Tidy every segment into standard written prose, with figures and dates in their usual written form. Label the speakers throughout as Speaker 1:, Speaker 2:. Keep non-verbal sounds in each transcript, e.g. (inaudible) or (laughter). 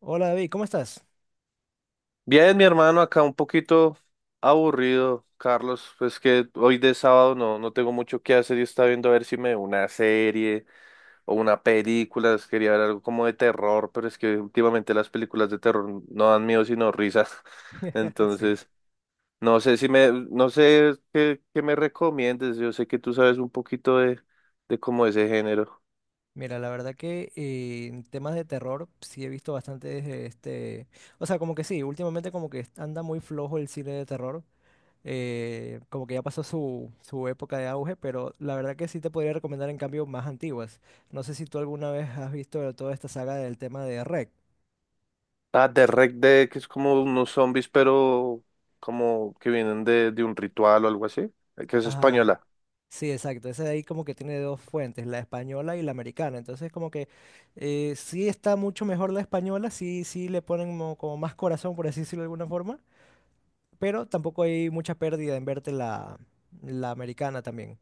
Speaker 1: Hola David, ¿cómo estás?
Speaker 2: Bien, mi hermano, acá un poquito aburrido, Carlos, pues que hoy de sábado no tengo mucho que hacer y estaba viendo a ver si me veo una serie o una película, quería ver algo como de terror, pero es que últimamente las películas de terror no dan miedo sino risas, (laughs)
Speaker 1: (laughs) Sí.
Speaker 2: entonces no sé qué, me recomiendes, yo sé que tú sabes un poquito de como ese género.
Speaker 1: Mira, la verdad que en temas de terror sí he visto bastantes, o sea, como que sí, últimamente como que anda muy flojo el cine de terror, como que ya pasó su época de auge, pero la verdad que sí te podría recomendar en cambio más antiguas. No sé si tú alguna vez has visto toda esta saga del tema de REC.
Speaker 2: Ah, de Rec Dead, que es como unos zombies, pero como que vienen de un ritual o algo así, que es
Speaker 1: Ajá.
Speaker 2: española.
Speaker 1: Sí, exacto. Ese de ahí como que tiene dos fuentes, la española y la americana. Entonces como que sí está mucho mejor la española, sí, sí le ponen como, más corazón, por así decirlo de alguna forma, pero tampoco hay mucha pérdida en verte la americana también.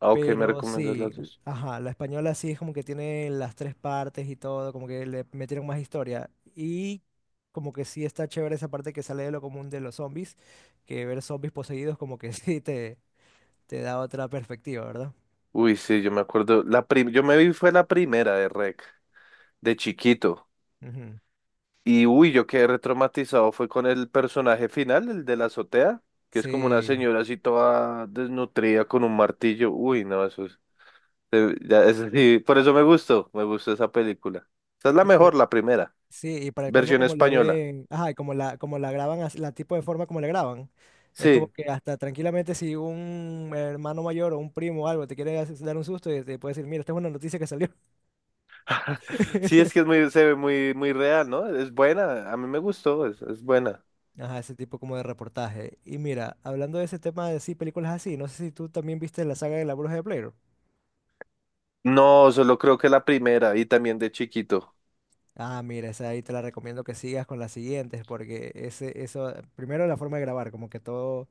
Speaker 2: Ah, ok, me
Speaker 1: Pero
Speaker 2: recomiendas
Speaker 1: sí,
Speaker 2: las dos.
Speaker 1: ajá, la española sí es como que tiene las tres partes y todo, como que le metieron más historia. Y como que sí está chévere esa parte que sale de lo común de los zombies, que ver zombies poseídos como que (laughs) sí te da otra perspectiva, ¿verdad?
Speaker 2: Uy, sí, yo me acuerdo. Yo me vi fue la primera de Rec, de chiquito.
Speaker 1: Ujú.
Speaker 2: Y uy, yo quedé retraumatizado. Fue con el personaje final, el de la azotea, que es como una
Speaker 1: Sí,
Speaker 2: señora así toda desnutrida con un martillo. Uy, no, eso es. Ya, eso sí, por eso me gustó esa película. Esa es la
Speaker 1: y por-
Speaker 2: mejor, la primera,
Speaker 1: sí, y para el colmo
Speaker 2: versión
Speaker 1: como la
Speaker 2: española.
Speaker 1: ven, ajá, y como como la graban, la tipo de forma como la graban, es como
Speaker 2: Sí,
Speaker 1: que hasta tranquilamente si un hermano mayor o un primo o algo te quiere dar un susto y te puede decir, mira, esta es una noticia que salió.
Speaker 2: (laughs) sí,
Speaker 1: (laughs)
Speaker 2: es que es muy, se ve muy, muy real, ¿no? Es buena, a mí me gustó, es buena.
Speaker 1: Ajá, ese tipo como de reportaje. Y mira, hablando de ese tema de sí, películas así, no sé si tú también viste la saga de La Bruja de Blair.
Speaker 2: No, solo creo que la primera y también de chiquito.
Speaker 1: Ah, mira, esa ahí te la recomiendo que sigas con las siguientes, porque eso, primero la forma de grabar, como que todo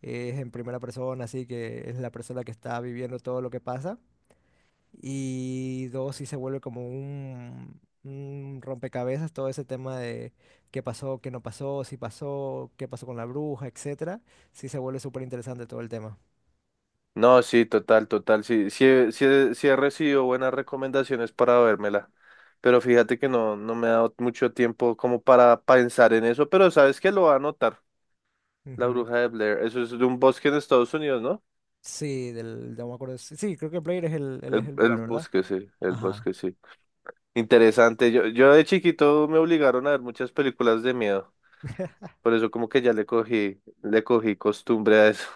Speaker 1: es en primera persona, así que es la persona que está viviendo todo lo que pasa. Y dos, sí se vuelve como un rompecabezas todo ese tema de qué pasó, qué no pasó, si pasó, qué pasó con la bruja, etcétera. Sí se vuelve súper interesante todo el tema.
Speaker 2: No, sí, total, total. Sí, sí, he- sí, he sí he recibido buenas recomendaciones para vérmela. Pero fíjate que no me ha dado mucho tiempo como para pensar en eso. Pero sabes que lo va a anotar, La
Speaker 1: Ujú.
Speaker 2: Bruja de Blair. Eso es de un bosque en Estados Unidos, ¿no?
Speaker 1: Sí, del, no me acuerdo. Sí, sí, creo que Blair es es
Speaker 2: El,
Speaker 1: el
Speaker 2: el
Speaker 1: lugar, ¿verdad?
Speaker 2: bosque, sí, el
Speaker 1: Ajá.
Speaker 2: bosque, sí. Interesante. Yo de chiquito me obligaron a ver muchas películas de miedo. Por eso como que ya le cogí costumbre a eso.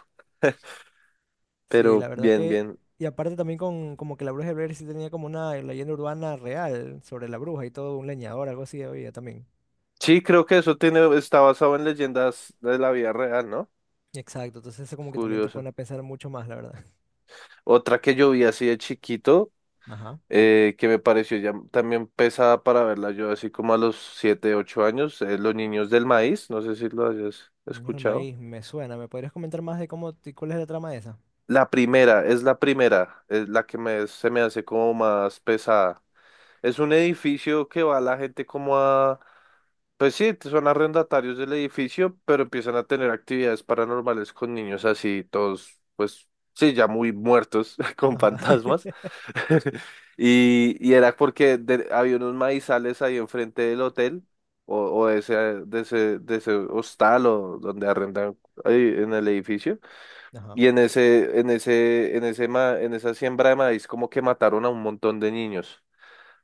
Speaker 2: (laughs)
Speaker 1: Sí,
Speaker 2: Pero
Speaker 1: la verdad
Speaker 2: bien,
Speaker 1: que...
Speaker 2: bien.
Speaker 1: Y aparte también con como que la bruja de Blair sí tenía como una leyenda urbana real sobre la bruja y todo, un leñador, algo así había también.
Speaker 2: Sí, creo que eso tiene, está basado en leyendas de la vida real, ¿no?
Speaker 1: Exacto, entonces eso como que también te
Speaker 2: Curioso.
Speaker 1: pone a pensar mucho más, la verdad.
Speaker 2: Otra que yo vi así de chiquito,
Speaker 1: Ajá.
Speaker 2: que me pareció ya también pesada para verla yo, así como a los 7, 8 años, es Los Niños del Maíz, no sé si lo hayas
Speaker 1: Niño del
Speaker 2: escuchado.
Speaker 1: maíz, me suena. ¿Me podrías comentar más de cómo, y cuál es la trama de esa?
Speaker 2: La primera, es la primera, es la que se me hace como más pesada. Es un edificio que va la gente como a. Pues sí, son arrendatarios del edificio, pero empiezan a tener actividades paranormales con niños así, todos, pues sí, ya muy muertos, (laughs) con
Speaker 1: Ajá.
Speaker 2: fantasmas.
Speaker 1: (laughs)
Speaker 2: (laughs) Y era porque había unos maizales ahí enfrente del hotel, o, o de ese hostal o donde arrendan ahí en el edificio.
Speaker 1: Ajá.
Speaker 2: Y en esa siembra de maíz como que mataron a un montón de niños.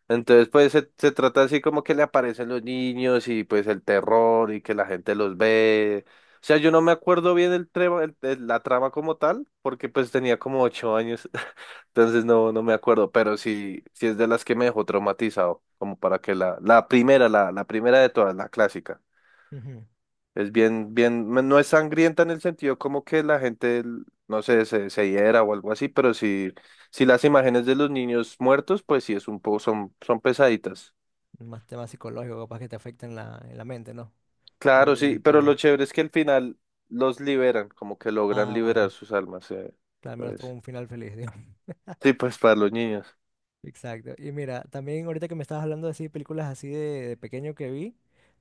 Speaker 2: Entonces, pues se trata así como que le aparecen los niños y pues el terror y que la gente los ve. O sea, yo no me acuerdo bien el trema- el- la trama como tal, porque pues tenía como 8 años, (laughs) entonces no me acuerdo, pero sí, sí es de las que me dejó traumatizado, como para que la primera, la primera de todas, la clásica.
Speaker 1: Ujú.
Speaker 2: Es bien, bien, no es sangrienta en el sentido como que la gente, no sé, se hiera o algo así, pero sí, sí las imágenes de los niños muertos, pues sí es un poco, son pesaditas.
Speaker 1: Más temas psicológicos capaz que te afectan en en la mente, ¿no? Algo
Speaker 2: Claro,
Speaker 1: por el
Speaker 2: sí, pero lo
Speaker 1: estilo.
Speaker 2: chévere es que al final los liberan, como que logran
Speaker 1: Ah,
Speaker 2: liberar
Speaker 1: bueno.
Speaker 2: sus almas,
Speaker 1: Claro, al menos tuvo
Speaker 2: entonces.
Speaker 1: un final feliz.
Speaker 2: Sí, pues para los niños.
Speaker 1: Exacto. Y mira, también ahorita que me estabas hablando así de así, películas así de pequeño que vi,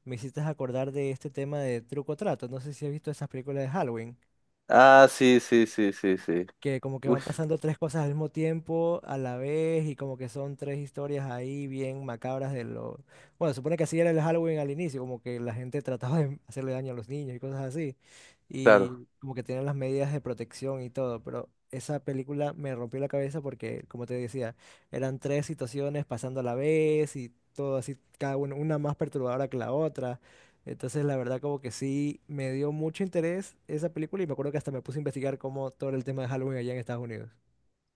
Speaker 1: me hiciste acordar de este tema de truco o trato. No sé si has visto esas películas de Halloween
Speaker 2: Ah, sí, sí, sí, sí, sí.
Speaker 1: que como que
Speaker 2: Uy,
Speaker 1: van pasando tres cosas al mismo tiempo, a la vez, y como que son tres historias ahí bien macabras de lo... Bueno, supone que así era el Halloween al inicio, como que la gente trataba de hacerle daño a los niños y cosas así,
Speaker 2: claro.
Speaker 1: y como que tenían las medidas de protección y todo, pero esa película me rompió la cabeza porque, como te decía, eran tres situaciones pasando a la vez y todo así, cada una más perturbadora que la otra. Entonces, la verdad, como que sí me dio mucho interés esa película y me acuerdo que hasta me puse a investigar cómo todo el tema de Halloween allá en Estados Unidos.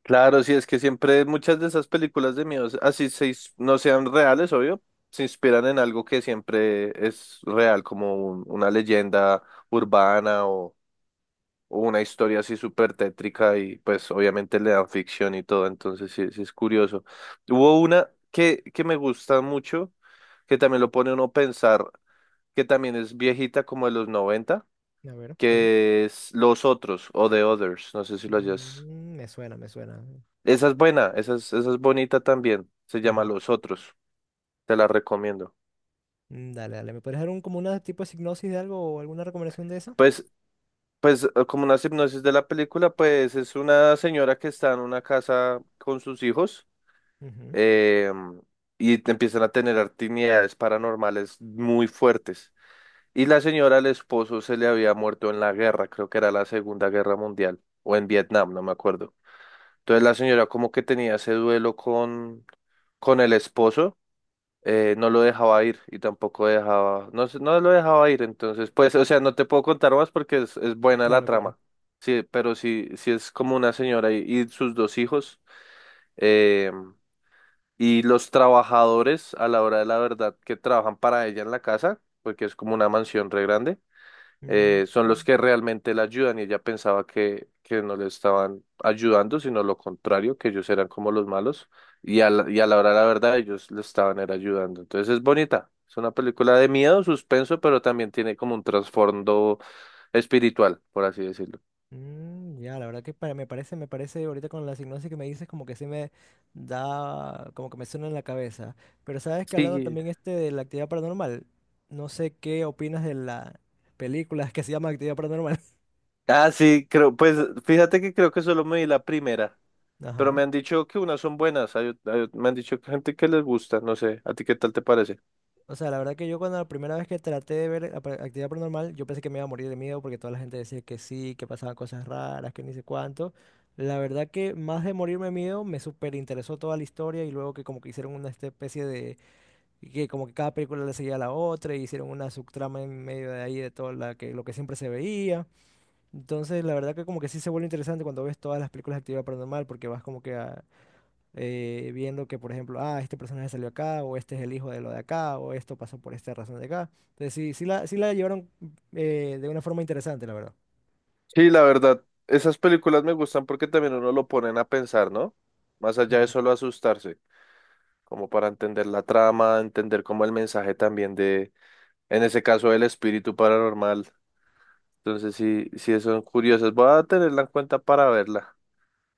Speaker 2: Claro, sí, es que siempre muchas de esas películas de miedo, así no sean reales, obvio, se inspiran en algo que siempre es real, como una leyenda urbana, una historia así súper tétrica y pues obviamente le dan ficción y todo, entonces sí, sí es curioso. Hubo una que me gusta mucho, que también lo pone uno a pensar, que también es viejita como de los noventa,
Speaker 1: A ver, ¿cuál es?
Speaker 2: que es Los Otros o The Others, no sé si lo hayas.
Speaker 1: Mm, me suena, me suena.
Speaker 2: Esa es
Speaker 1: Cuéntame un
Speaker 2: buena,
Speaker 1: poco
Speaker 2: esa
Speaker 1: más.
Speaker 2: es, esa es bonita también, se llama
Speaker 1: Ajá.
Speaker 2: Los Otros, te la recomiendo.
Speaker 1: Mm, dale, dale. ¿Me puedes dar un, como una tipo de sinopsis de algo o alguna recomendación de esa?
Speaker 2: Pues, pues, como una hipnosis de la película, pues es una señora que está en una casa con sus hijos
Speaker 1: Ujú.
Speaker 2: eh, y te empiezan a tener actividades paranormales muy fuertes. Y la señora, el esposo, se le había muerto en la guerra, creo que era la Segunda Guerra Mundial, o en Vietnam, no me acuerdo. Entonces la señora como que tenía ese duelo con el esposo, no lo dejaba ir y tampoco dejaba, no, no lo dejaba ir, entonces pues, o sea, no te puedo contar más porque es buena la
Speaker 1: Claro, claro.
Speaker 2: trama. Sí, pero sí, sí es como una señora y sus dos hijos. eh, y los trabajadores, a la hora de la verdad, que trabajan para ella en la casa, porque es como una mansión re grande,
Speaker 1: Mm,
Speaker 2: son los que realmente la ayudan. Y ella pensaba que no le estaban ayudando, sino lo contrario, que ellos eran como los malos. Y a la hora de la verdad, ellos le estaban era ayudando. Entonces es bonita. Es una película de miedo, suspenso, pero también tiene como un trasfondo espiritual, por así decirlo.
Speaker 1: mm, ya, la verdad que me parece ahorita con la hipnosis que me dices como que sí me da, como que me suena en la cabeza. Pero sabes que hablando
Speaker 2: Sí.
Speaker 1: también este de la actividad paranormal, no sé qué opinas de la película que se llama Actividad Paranormal. (laughs)
Speaker 2: Ah, sí, creo, pues fíjate que creo que solo me vi la primera. Pero
Speaker 1: Ajá.
Speaker 2: me han dicho que unas son buenas, me han dicho que gente que les gusta, no sé, ¿a ti qué tal te parece?
Speaker 1: O sea, la verdad que yo cuando la primera vez que traté de ver la actividad paranormal, yo pensé que me iba a morir de miedo porque toda la gente decía que sí, que pasaban cosas raras, que ni sé cuánto. La verdad que más de morirme de miedo, me súper interesó toda la historia y luego que como que hicieron una especie de. Y que como que cada película le seguía a la otra y hicieron una subtrama en medio de ahí de todo la que, lo que siempre se veía. Entonces, la verdad que como que sí se vuelve interesante cuando ves todas las películas de actividad paranormal porque vas como que ah, viendo que, por ejemplo, ah, este personaje salió acá o este es el hijo de lo de acá o esto pasó por esta razón de acá. Entonces, sí, sí la llevaron de una forma interesante, la verdad.
Speaker 2: Sí, la verdad, esas películas me gustan porque también uno lo ponen a pensar, ¿no? Más allá de
Speaker 1: Ujú.
Speaker 2: solo asustarse, como para entender la trama, entender como el mensaje también de, en ese caso, el espíritu paranormal. Entonces, sí, sí son curiosas, voy a tenerla en cuenta para verla.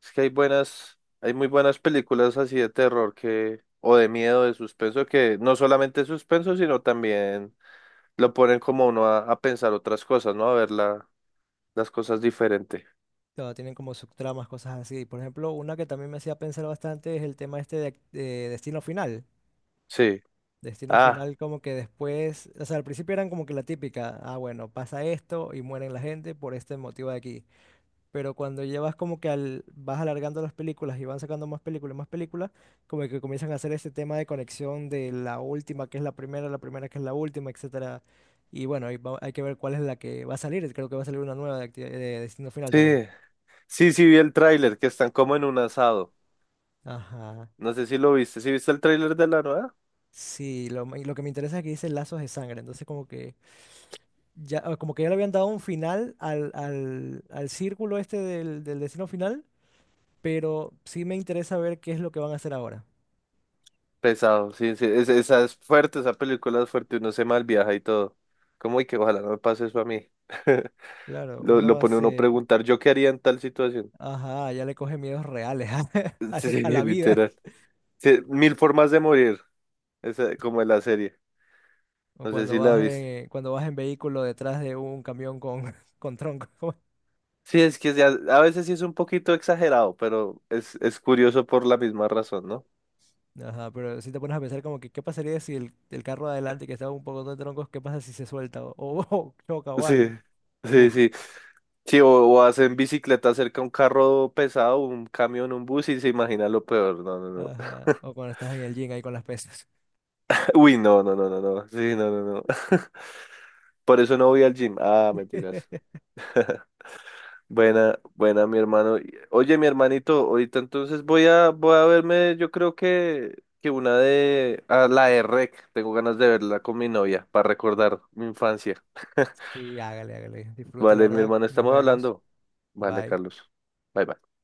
Speaker 2: Es que hay buenas, hay muy buenas películas así de terror que, o de miedo, de suspenso, que no solamente es suspenso, sino también lo ponen como a uno a pensar otras cosas, ¿no? A ver las cosas diferente.
Speaker 1: Claro, tienen como subtramas, cosas así. Por ejemplo, una que también me hacía pensar bastante es el tema este de, de Destino Final.
Speaker 2: Sí.
Speaker 1: Destino
Speaker 2: Ah,
Speaker 1: final como que después, o sea, al principio eran como que la típica, ah, bueno, pasa esto y mueren la gente por este motivo de aquí. Pero cuando llevas como que al, vas alargando las películas y van sacando más películas, como que comienzan a hacer este tema de conexión de la última que es la primera que es la última, etcétera. Y bueno, ahí hay que ver cuál es la que va a salir. Creo que va a salir una nueva de, de Destino Final también.
Speaker 2: sí. Sí, sí vi el tráiler, que están como en un asado.
Speaker 1: Ajá.
Speaker 2: No sé si lo viste. ¿Sí viste el tráiler de la nueva?
Speaker 1: Sí, y lo que me interesa es que dice lazos de sangre, entonces como que ya, ah, como que ya le habían dado un final al círculo este del destino final, pero sí me interesa ver qué es lo que van a hacer ahora.
Speaker 2: Pesado, sí, sí. Esa es fuerte, esa película es fuerte, uno se malviaja y todo. Como, y que ojalá no me pase eso a mí. (laughs)
Speaker 1: Claro,
Speaker 2: Lo,
Speaker 1: uno
Speaker 2: lo pone uno a
Speaker 1: hace,
Speaker 2: preguntar, ¿yo qué haría en tal situación?
Speaker 1: ajá, ya le coge miedos reales (laughs)
Speaker 2: (laughs) Sí,
Speaker 1: a la vida.
Speaker 2: literal. Sí, mil formas de morir, como en la serie.
Speaker 1: O
Speaker 2: No sé si la viste.
Speaker 1: cuando vas en vehículo detrás de un camión con, (laughs) con troncos.
Speaker 2: Sí, es que a veces sí es un poquito exagerado, pero es curioso por la misma razón, ¿no?
Speaker 1: Ajá, pero si te pones a pensar como que qué pasaría si el carro de adelante que estaba un poco de troncos, qué pasa si se suelta o (laughs) choca
Speaker 2: (laughs)
Speaker 1: o
Speaker 2: Sí,
Speaker 1: algo.
Speaker 2: sí,
Speaker 1: Uf,
Speaker 2: sí. Sí, o hacen bicicleta cerca a un carro pesado, un camión, un bus y se imagina lo peor. No, no, no.
Speaker 1: ajá. O
Speaker 2: (laughs)
Speaker 1: cuando estás en el gym ahí con las pesas.
Speaker 2: Uy, no, no, no, no, no. Sí, no, no, no. (laughs) Por eso no voy al gym. Ah, mentiras.
Speaker 1: (laughs)
Speaker 2: (laughs) Buena, buena, mi hermano. Oye, mi hermanito, ahorita entonces voy a verme, yo creo que a la de Rec, tengo ganas de verla con mi novia para recordar mi infancia. (laughs)
Speaker 1: Sí, hágale, hágale. Disfrute, la
Speaker 2: Vale, mi
Speaker 1: verdad.
Speaker 2: hermano,
Speaker 1: Nos
Speaker 2: estamos
Speaker 1: vemos.
Speaker 2: hablando. Vale,
Speaker 1: Bye.
Speaker 2: Carlos. Bye, bye.